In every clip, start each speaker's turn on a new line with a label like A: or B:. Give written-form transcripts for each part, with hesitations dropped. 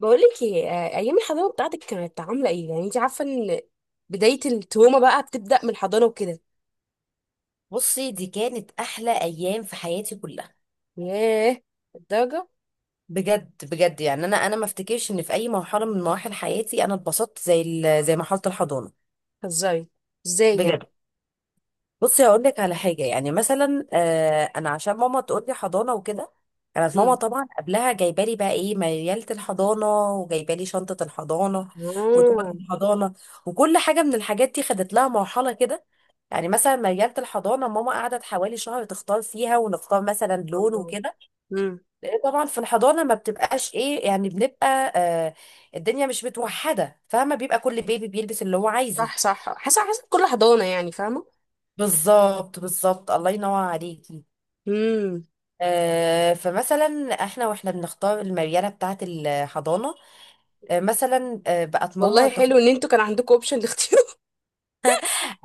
A: بقولك ايه، ايام الحضانه بتاعتك كانت عامله ايه؟ يعني انت عارفه ان بدايه التروما بقى بتبدا من الحضانه وكده.
B: بصي، دي كانت احلى ايام في حياتي كلها.
A: ياه، الدرجه.
B: بجد بجد، يعني انا ما افتكرش ان في اي مرحله من مراحل حياتي انا اتبسطت زي مرحله الحضانه.
A: هزاري. ازاي يعني؟
B: بجد. بصي هقول لك على حاجه، يعني مثلا انا عشان ماما تقول لي حضانه وكده. كانت ماما
A: امم.
B: طبعا قبلها جايبه لي بقى ايه مياله الحضانه، وجايبه لي شنطه الحضانه وتقعد
A: اه.
B: الحضانه. وكل حاجه من الحاجات دي خدت لها مرحله كده. يعني مثلا مياله الحضانه ماما قعدت حوالي شهر تختار فيها، ونختار مثلا لون
A: الله.
B: وكده.
A: امم.
B: لان طبعا في الحضانه ما بتبقاش ايه، يعني بنبقى، آه، الدنيا مش متوحده، فاهمه، بيبقى كل بيبي بيلبس اللي هو عايزه.
A: صح صح، حسب كل حضانه يعني، فاهمه.
B: بالظبط بالظبط، الله ينور عليكي.
A: امم.
B: آه، فمثلا احنا واحنا بنختار المريله بتاعه الحضانه، مثلا بقت ماما
A: والله
B: تاخد.
A: حلو ان انتوا كان عندكم اوبشن لاختيار.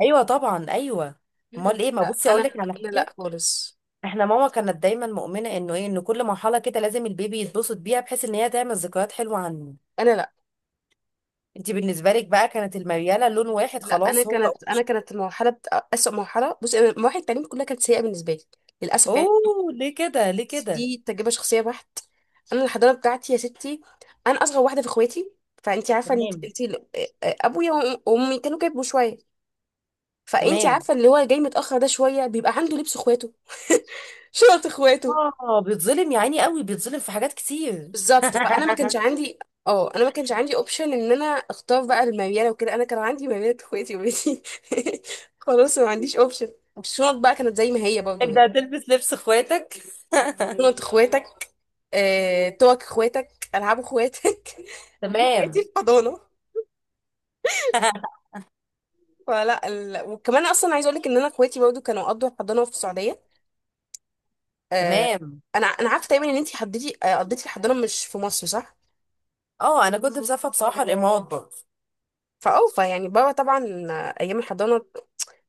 B: ايوه طبعا ايوه. امال ايه؟ ما
A: لا،
B: بصي اقول
A: انا
B: لك على
A: انا لا
B: حاجه.
A: خالص.
B: احنا ماما كانت دايما مؤمنه انه ايه، ان كل مرحله كده لازم البيبي يتبسط بيها، بحيث ان هي تعمل ذكريات حلوه عنه.
A: انا لا.
B: انت بالنسبه لك بقى كانت المرياله لون واحد
A: لا انا
B: خلاص، هو.
A: كانت انا كانت المرحله بت... اسوء مرحله بصي، انا مراحل التعليم كلها كانت سيئه بالنسبه لي، للاسف يعني.
B: اوه ليه كده؟ ليه
A: بس
B: كده؟
A: دي تجربة شخصية بحت. انا الحضانة بتاعتي يا ستي، انا اصغر واحدة في اخواتي، فانتي عارفة ان
B: تمام.
A: انتي ابويا وأم- وامي كانوا كبروا شوية، فانتي
B: تمام.
A: عارفة اللي هو جاي متأخر ده شوية بيبقى عنده لبس اخواته. شنط اخواته.
B: اه، بيتظلم يا عيني قوي، بيتظلم في حاجات كتير.
A: بالظبط، فانا ما كانش عندي. اه، انا ما كانش عندي اوبشن ان انا اختار بقى المريالة وكده، انا كان عندي مريالة اخواتي وبنتي. خلاص، ما عنديش اوبشن. الشنط بقى كانت زي ما هي برضه،
B: انت هتلبس لبس اخواتك.
A: شنط اخواتك. توك اخواتك، العاب اخواتك. دي حياتي
B: تمام.
A: في حضانه. وكمان اصلا عايزه اقول لك ان انا اخواتي برضو كانوا قضوا الحضانه في السعوديه. آه،
B: تمام.
A: انا عارفه تقريبا ان انت حضرتي، قضيتي الحضانه مش في مصر صح؟
B: اه، انا كنت مسافره بصراحه الامارات برضه.
A: فاوفى يعني بابا طبعا. ايام الحضانه،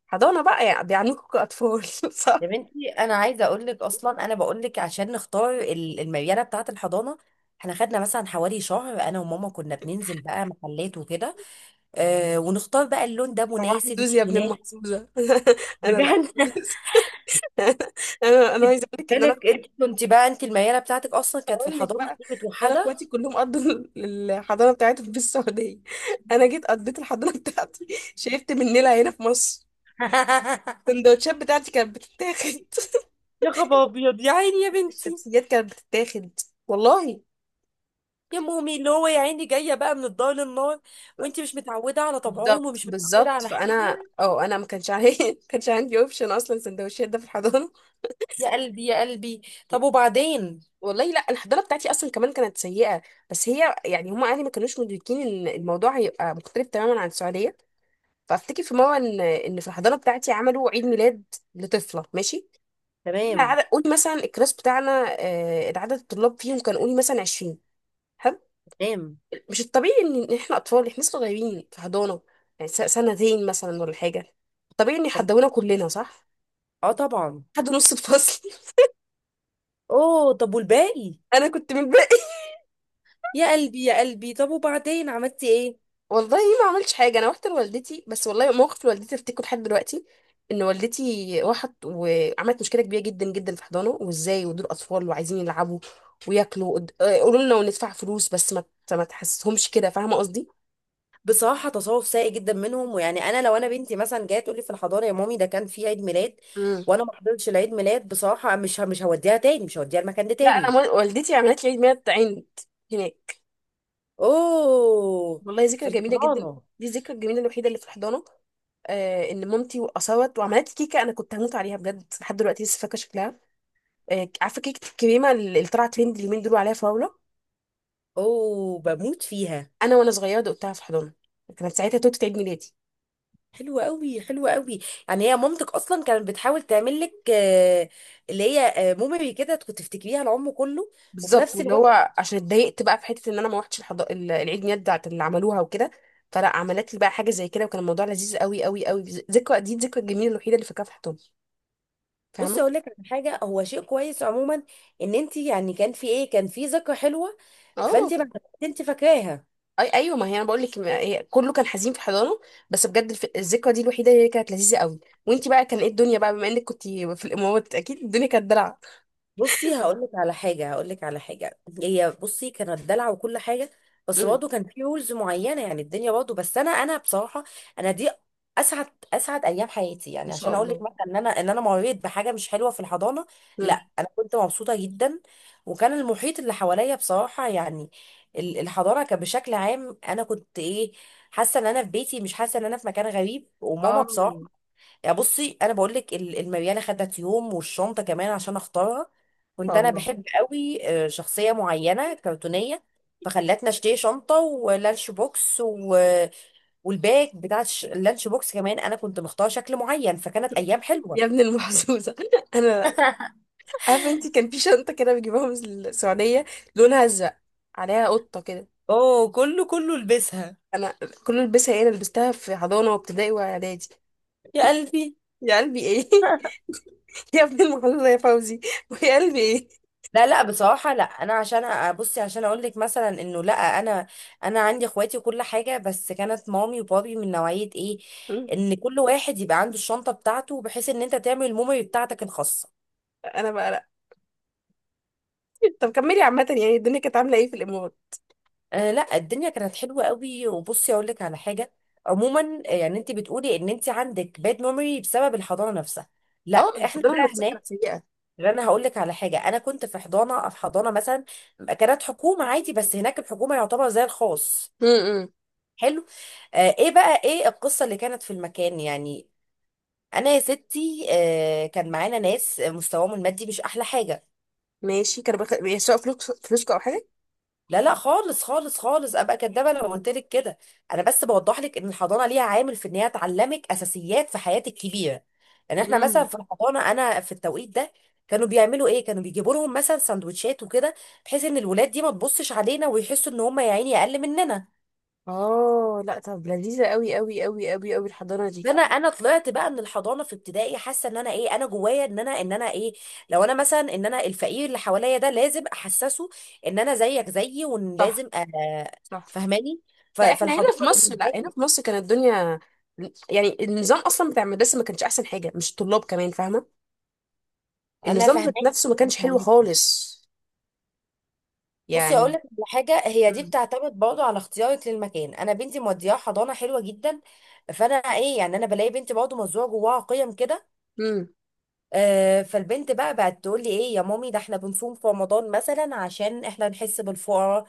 A: حضانه بقى يعني بيعنيكوا كاطفال. صح؟
B: يا بنتي انا عايزه اقول لك اصلا، انا بقول لك عشان نختار المرياله بتاعه الحضانه احنا خدنا مثلا حوالي شهر، انا وماما كنا بننزل بقى محلات وكده. آه، ونختار بقى اللون ده
A: يا
B: مناسب
A: محظوظ
B: مش
A: يا ابن
B: مناسب.
A: المحظوظه. انا لا
B: بجد.
A: خالص. انا
B: خدي
A: عايزه اقول لك ان انا
B: بالك انت كنت بقى، انت المياله بتاعتك اصلا كانت في
A: اقول لك
B: الحضانه
A: بقى،
B: دي
A: انا اخواتي
B: متوحده.
A: كلهم قضوا الحضانه بتاعتهم في السعوديه. انا جيت قضيت الحضانه بتاعتي، شربت من نيلها هنا في مصر. السندوتشات بتاعتي كانت بتتاخد.
B: يا خبر ابيض يا عيني يا بنتي.
A: الشمسيات كانت بتتاخد، والله.
B: يا مومي اللي هو يا عيني جايه بقى من الدار للنار، وانت مش متعوده على طبعهم
A: بالظبط
B: ومش متعوده
A: بالظبط،
B: على حاجه.
A: فانا اه انا ما كانش عندي ما كانش عندي اوبشن اصلا سندوتشات ده في الحضانه.
B: يا قلبي يا قلبي. طب وبعدين؟
A: والله، لا الحضانه بتاعتي اصلا كمان كانت سيئه، بس هي يعني هم اهلي ما كانوش مدركين ان الموضوع هيبقى مختلف تماما عن السعوديه. فافتكر في مره ان في الحضانه بتاعتي عملوا عيد ميلاد لطفله، ماشي. احنا
B: تمام.
A: عدد قولي مثلا الكلاس بتاعنا، العدد الطلاب فيهم كان قولي مثلا 20.
B: تمام.
A: مش الطبيعي ان إن احنا اطفال احنا لسه صغيرين في حضانه، يعني سنتين مثلا ولا حاجه، طبيعي ان
B: تمام.
A: يحدونا كلنا صح؟
B: اه طبعا.
A: حد نص الفصل.
B: اوه، طب والباقي؟
A: انا كنت من الباقي.
B: يا قلبي يا قلبي، طب وبعدين عملتي ايه؟
A: والله ما عملتش حاجه، انا رحت لوالدتي بس، والله موقف لوالدتي افتكره لحد دلوقتي. ان والدتي راحت وعملت مشكله كبيره جدا جدا في حضانه، وازاي ودول اطفال وعايزين يلعبوا وياكلوا قولوا لنا وندفع فلوس بس ما تحسسهمش كده، فاهمه قصدي.
B: بصراحة تصرف سيء جدا منهم. ويعني أنا لو أنا بنتي مثلا جاية تقول لي في الحضانة يا مامي ده كان في عيد ميلاد
A: امم.
B: وأنا ما حضرتش العيد ميلاد، بصراحة مش هوديها تاني، مش هوديها المكان ده
A: لا،
B: تاني.
A: والدتي عملت لي عيد ميلاد عند هناك.
B: أوه.
A: والله ذكرى
B: في
A: جميله جدا.
B: الحضانة.
A: دي الذكرى الجميله الوحيده اللي في الحضانه. ان مامتي وقصوت وعملت كيكه، انا كنت هموت عليها بجد، لحد دلوقتي لسه فاكره شكلها. عارفه كيكه الكريمه اللي طلعت ترند اليومين دول عليها فراوله؟
B: أوه، بموت فيها.
A: انا وانا صغيره دقتها في الحضانه، كانت ساعتها توتة عيد ميلادي.
B: حلوة قوي حلوة قوي. يعني هي مامتك أصلا كانت بتحاول تعمل لك، آه، اللي هي، آه، ميموري كده كنت تفتكريها العمر كله. وفي
A: بالظبط،
B: نفس
A: واللي
B: الوقت
A: هو عشان اتضايقت بقى في حته ان انا ما العيد ميلاد بتاعت اللي عملوها وكده. فلا عملت لي بقى حاجه زي كده، وكان الموضوع لذيذ قوي قوي قوي. ذكرى، دي الذكرى الجميله الوحيده اللي فاكراها في الحضانه،
B: بصي
A: فاهمه.
B: أقول لك على حاجة، هو شيء كويس عموما إن أنت يعني كان في إيه، كان في ذكرى حلوة،
A: اه.
B: فأنت ما، انت فاكراها.
A: اي ايوه، ما هي انا بقول لك هي كله كان حزين في حضانه، بس بجد الذكرى دي الوحيده اللي كانت لذيذه قوي. وانتي بقى كان ايه الدنيا، بقى بما انك كنت في الامارات اكيد الدنيا كانت دلع.
B: بصي هقول لك على حاجه، هقول لك على حاجه، هي بصي كانت دلع وكل حاجه، بس
A: امم.
B: برضه كان في رولز معينه، يعني الدنيا برضه. بس انا بصراحه انا دي اسعد، اسعد ايام حياتي.
A: ما
B: يعني
A: شاء
B: عشان اقول لك
A: الله.
B: مثلا ان انا، ان انا مريت بحاجه مش حلوه في الحضانه،
A: امم.
B: لا انا كنت مبسوطه جدا. وكان المحيط اللي حواليا بصراحه يعني، الحضانه كان بشكل عام انا كنت ايه، حاسه ان انا في بيتي، مش حاسه ان انا في مكان غريب. وماما
A: اه ما
B: بصراحه، يعني بصي انا بقول لك المرياله خدت يوم، والشنطه كمان عشان اختارها. كنت
A: شاء
B: انا
A: الله.
B: بحب قوي، آه، شخصيه معينه كرتونيه، فخلتنا اشتري شنطه ولانش بوكس و... والباك بتاع اللانش بوكس كمان انا كنت مختاره شكل معين، فكانت ايام حلوه.
A: يا ابن المحظوظه. انا عارفه انتي كان في شنطه كده بيجيبوها من السعوديه، لونها ازرق، عليها قطه كده.
B: اوه، كله كله لبسها.
A: انا كل البسها ايه، انا لبستها في حضانه وابتدائي واعدادي.
B: يا قلبي.
A: يا قلبي ايه؟ يا ابن المحظوظه يا فوزي، ويا قلبي ايه.
B: لا لا، بصراحة لا انا عشان ابصي عشان اقول لك مثلا انه لا انا، انا عندي اخواتي وكل حاجة، بس كانت مامي وبابي من نوعية ايه،
A: مم.
B: ان كل واحد يبقى عنده الشنطة بتاعته، بحيث ان انت تعمل الميموري بتاعتك الخاصة.
A: انا بقى طب كملي عامة، يعني الدنيا كانت عاملة ايه في الإمارات؟
B: آه لا، الدنيا كانت حلوة قوي. وبصي اقول لك على حاجة، عموما آه، يعني انت بتقولي ان انت عندك باد ميموري بسبب الحضانة نفسها، لا
A: اه
B: احنا
A: الحضانة
B: بقى
A: النفسية كانت
B: هناك.
A: سيئة.
B: انا هقول لك على حاجه، انا كنت في حضانه، في حضانه مثلا كانت حكومه عادي، بس هناك الحكومه يعتبر زي الخاص.
A: امم.
B: حلو. آه، ايه بقى ايه القصة اللي كانت في المكان؟ يعني انا يا ستي آه كان معانا ناس مستواهم المادي مش احلى حاجة.
A: ماشي، كانوا بيسرقوا فلوس فلوسكم أو حاجة؟
B: لا لا، خالص خالص خالص، ابقى كدابة لو قلت لك كده. انا بس بوضح لك ان الحضانة ليها عامل في ان هي تعلمك اساسيات في حياتك كبيرة. يعني احنا مثلا
A: امم.
B: في الحضانة، انا في التوقيت ده كانوا بيعملوا ايه، كانوا بيجيبوا لهم مثلا سندوتشات وكده، بحيث ان الولاد دي ما تبصش علينا ويحسوا ان هم يا عيني اقل مننا.
A: اه لا طب لذيذة قوي قوي قوي قوي قوي الحضانة دي.
B: ده انا، انا طلعت بقى من الحضانه في ابتدائي حاسه ان انا ايه، انا جوايا ان انا، ان انا ايه، لو انا مثلا ان انا الفقير اللي حواليا ده لازم احسسه ان انا زيك زيي، وان
A: صح
B: لازم
A: صح.
B: فهماني.
A: لا احنا هنا
B: فالحضانه
A: في مصر، لا
B: بالنسبه
A: هنا
B: لي،
A: في مصر كانت الدنيا، يعني النظام أصلا بتاع المدرسة ما كانش أحسن حاجة، مش الطلاب كمان، فاهمة؟
B: انا
A: النظام
B: فهماني،
A: ذات نفسه ما
B: انا
A: كانش حلو
B: فهماني.
A: خالص،
B: بصي اقول
A: يعني.
B: لك على حاجه، هي دي
A: امم.
B: بتعتمد برضه على اختيارك للمكان. انا بنتي مودياها حضانه حلوه جدا، فانا ايه، يعني انا بلاقي بنتي برضه مزروعه جواها قيم كده.
A: امم.
B: آه، فالبنت بقى بقت تقول لي ايه، يا مامي ده احنا بنصوم في رمضان مثلا عشان احنا نحس بالفقراء.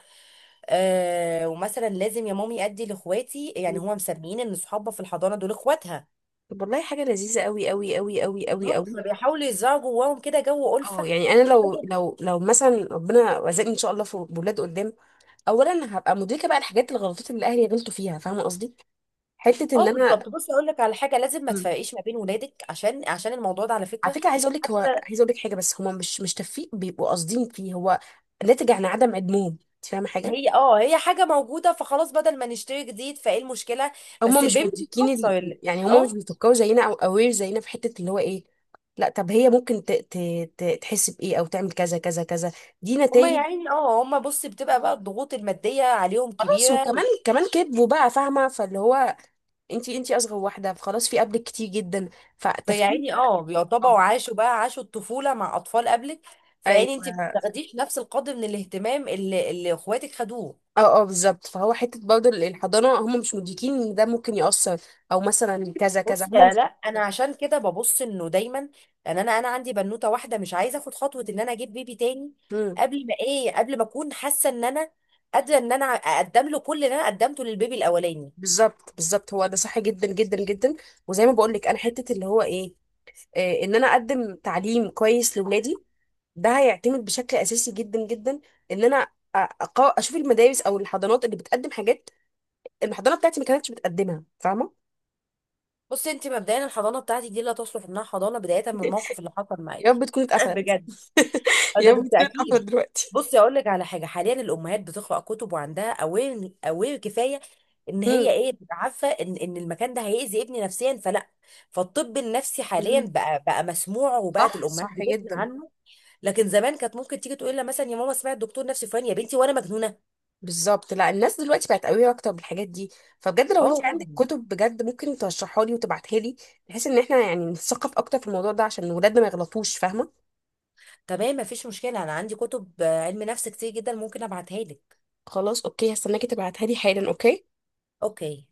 B: آه، ومثلا لازم يا مامي ادي لاخواتي، يعني هما مسميين ان صحابها في الحضانه دول اخواتها.
A: طب، والله حاجة لذيذة قوي قوي قوي قوي قوي
B: بالظبط،
A: قوي.
B: فبيحاولوا يزرعوا جواهم كده جو
A: اه،
B: الفه.
A: يعني انا لو مثلا ربنا رزقني ان شاء الله في بولاد قدام، اولا هبقى مدركه بقى الحاجات الغلطات اللي اهلي غلطوا فيها، فاهمه قصدي، حته
B: اه
A: ان انا.
B: بالظبط. بصي اقول لك على حاجه، لازم ما
A: مم.
B: تفرقيش ما بين ولادك، عشان عشان الموضوع ده على
A: على
B: فكره.
A: فكره عايزه اقول لك، هو
B: حتى
A: عايزه اقول لك حاجه، بس هما مش تفيق بيبقوا قاصدين فيه، هو ناتج عن عدم علمهم، انت فاهمه حاجه؟
B: هي، اه هي حاجه موجوده، فخلاص بدل ما نشتري جديد فايه المشكله.
A: هما
B: بس
A: مش
B: البيبي
A: مدركين
B: بيتاثر
A: يعني هما مش
B: اه.
A: بيفكروا زينا او اوير زينا في حته اللي هو ايه. لا طب هي ممكن تحس بايه او تعمل كذا كذا كذا، دي
B: هما
A: نتائج.
B: يعني اه هما بصي بتبقى بقى الضغوط الماديه عليهم
A: خلاص،
B: كبيره.
A: وكمان كمان كذبوا بقى، فاهمه، فاللي هو انتي، انتي اصغر واحده فخلاص في قبلك كتير جدا،
B: فيا
A: فالتفكير
B: عيني
A: ده.
B: اه، بيعتبروا
A: اه
B: عاشوا بقى، عاشوا الطفولة مع أطفال قبلك، فيعني انت ما
A: ايوه.
B: بتاخديش نفس القدر من الاهتمام اللي اخواتك خدوه.
A: اه اه بالظبط، فهو حته برضه الحضانه هم مش مدركين ان ده ممكن يأثر، او مثلا كذا كذا،
B: بصي
A: هم
B: يا،
A: مش.
B: لا انا عشان كده ببص انه دايما، لان انا عندي بنوته واحده مش عايزه اخد خطوه ان انا اجيب بيبي تاني
A: مم.
B: قبل ما ايه، قبل ما اكون حاسه ان انا قادره ان انا اقدم له كل اللي انا قدمته للبيبي الاولاني.
A: بالظبط بالظبط، هو ده صح جدا جدا جدا. وزي ما بقول لك انا، حته اللي هو ايه، ان انا اقدم تعليم كويس لاولادي، ده هيعتمد بشكل اساسي جدا جدا ان انا أقا- اشوف المدارس او الحضانات اللي بتقدم حاجات الحضانه بتاعتي ما كانتش بتقدمها، فاهمه.
B: بصي انت مبدئيا الحضانه بتاعتك دي لا تصلح انها حضانه، بدايه من الموقف اللي حصل
A: يا
B: معاكي.
A: رب تكون اتقفلت.
B: بجد. اه
A: يا
B: ده
A: ابني بتكون اتقفلت
B: بالتأكيد.
A: دلوقتي.
B: بصي اقول لك على حاجه، حاليا الامهات بتقرا كتب، وعندها اوير اوير كفايه ان
A: مم.
B: هي ايه، تبقى عارفه ان ان المكان ده هيأذي ابني نفسيا، فلا. فالطب النفسي حاليا
A: مم.
B: بقى بقى مسموع، وبقت
A: صح
B: الامهات
A: صح
B: بتسمع
A: جدا.
B: عنه. لكن زمان كانت ممكن تيجي تقول لها مثلا يا ماما سمعت دكتور نفسي فلان، يا بنتي وانا مجنونه.
A: بالظبط، لا الناس دلوقتي بقت قوية اكتر بالحاجات دي، فبجد لو انت
B: اه
A: عندك
B: طبعا.
A: كتب بجد ممكن ترشحها لي وتبعتها لي، بحيث ان احنا يعني نتثقف اكتر في الموضوع ده عشان ولادنا ما يغلطوش، فاهمة.
B: تمام مفيش مشكله، انا عندي كتب آه، علم نفس كتير جدا ممكن ابعتها لك.
A: خلاص اوكي، هستناكي تبعتها لي حالا. اوكي.
B: اوكي.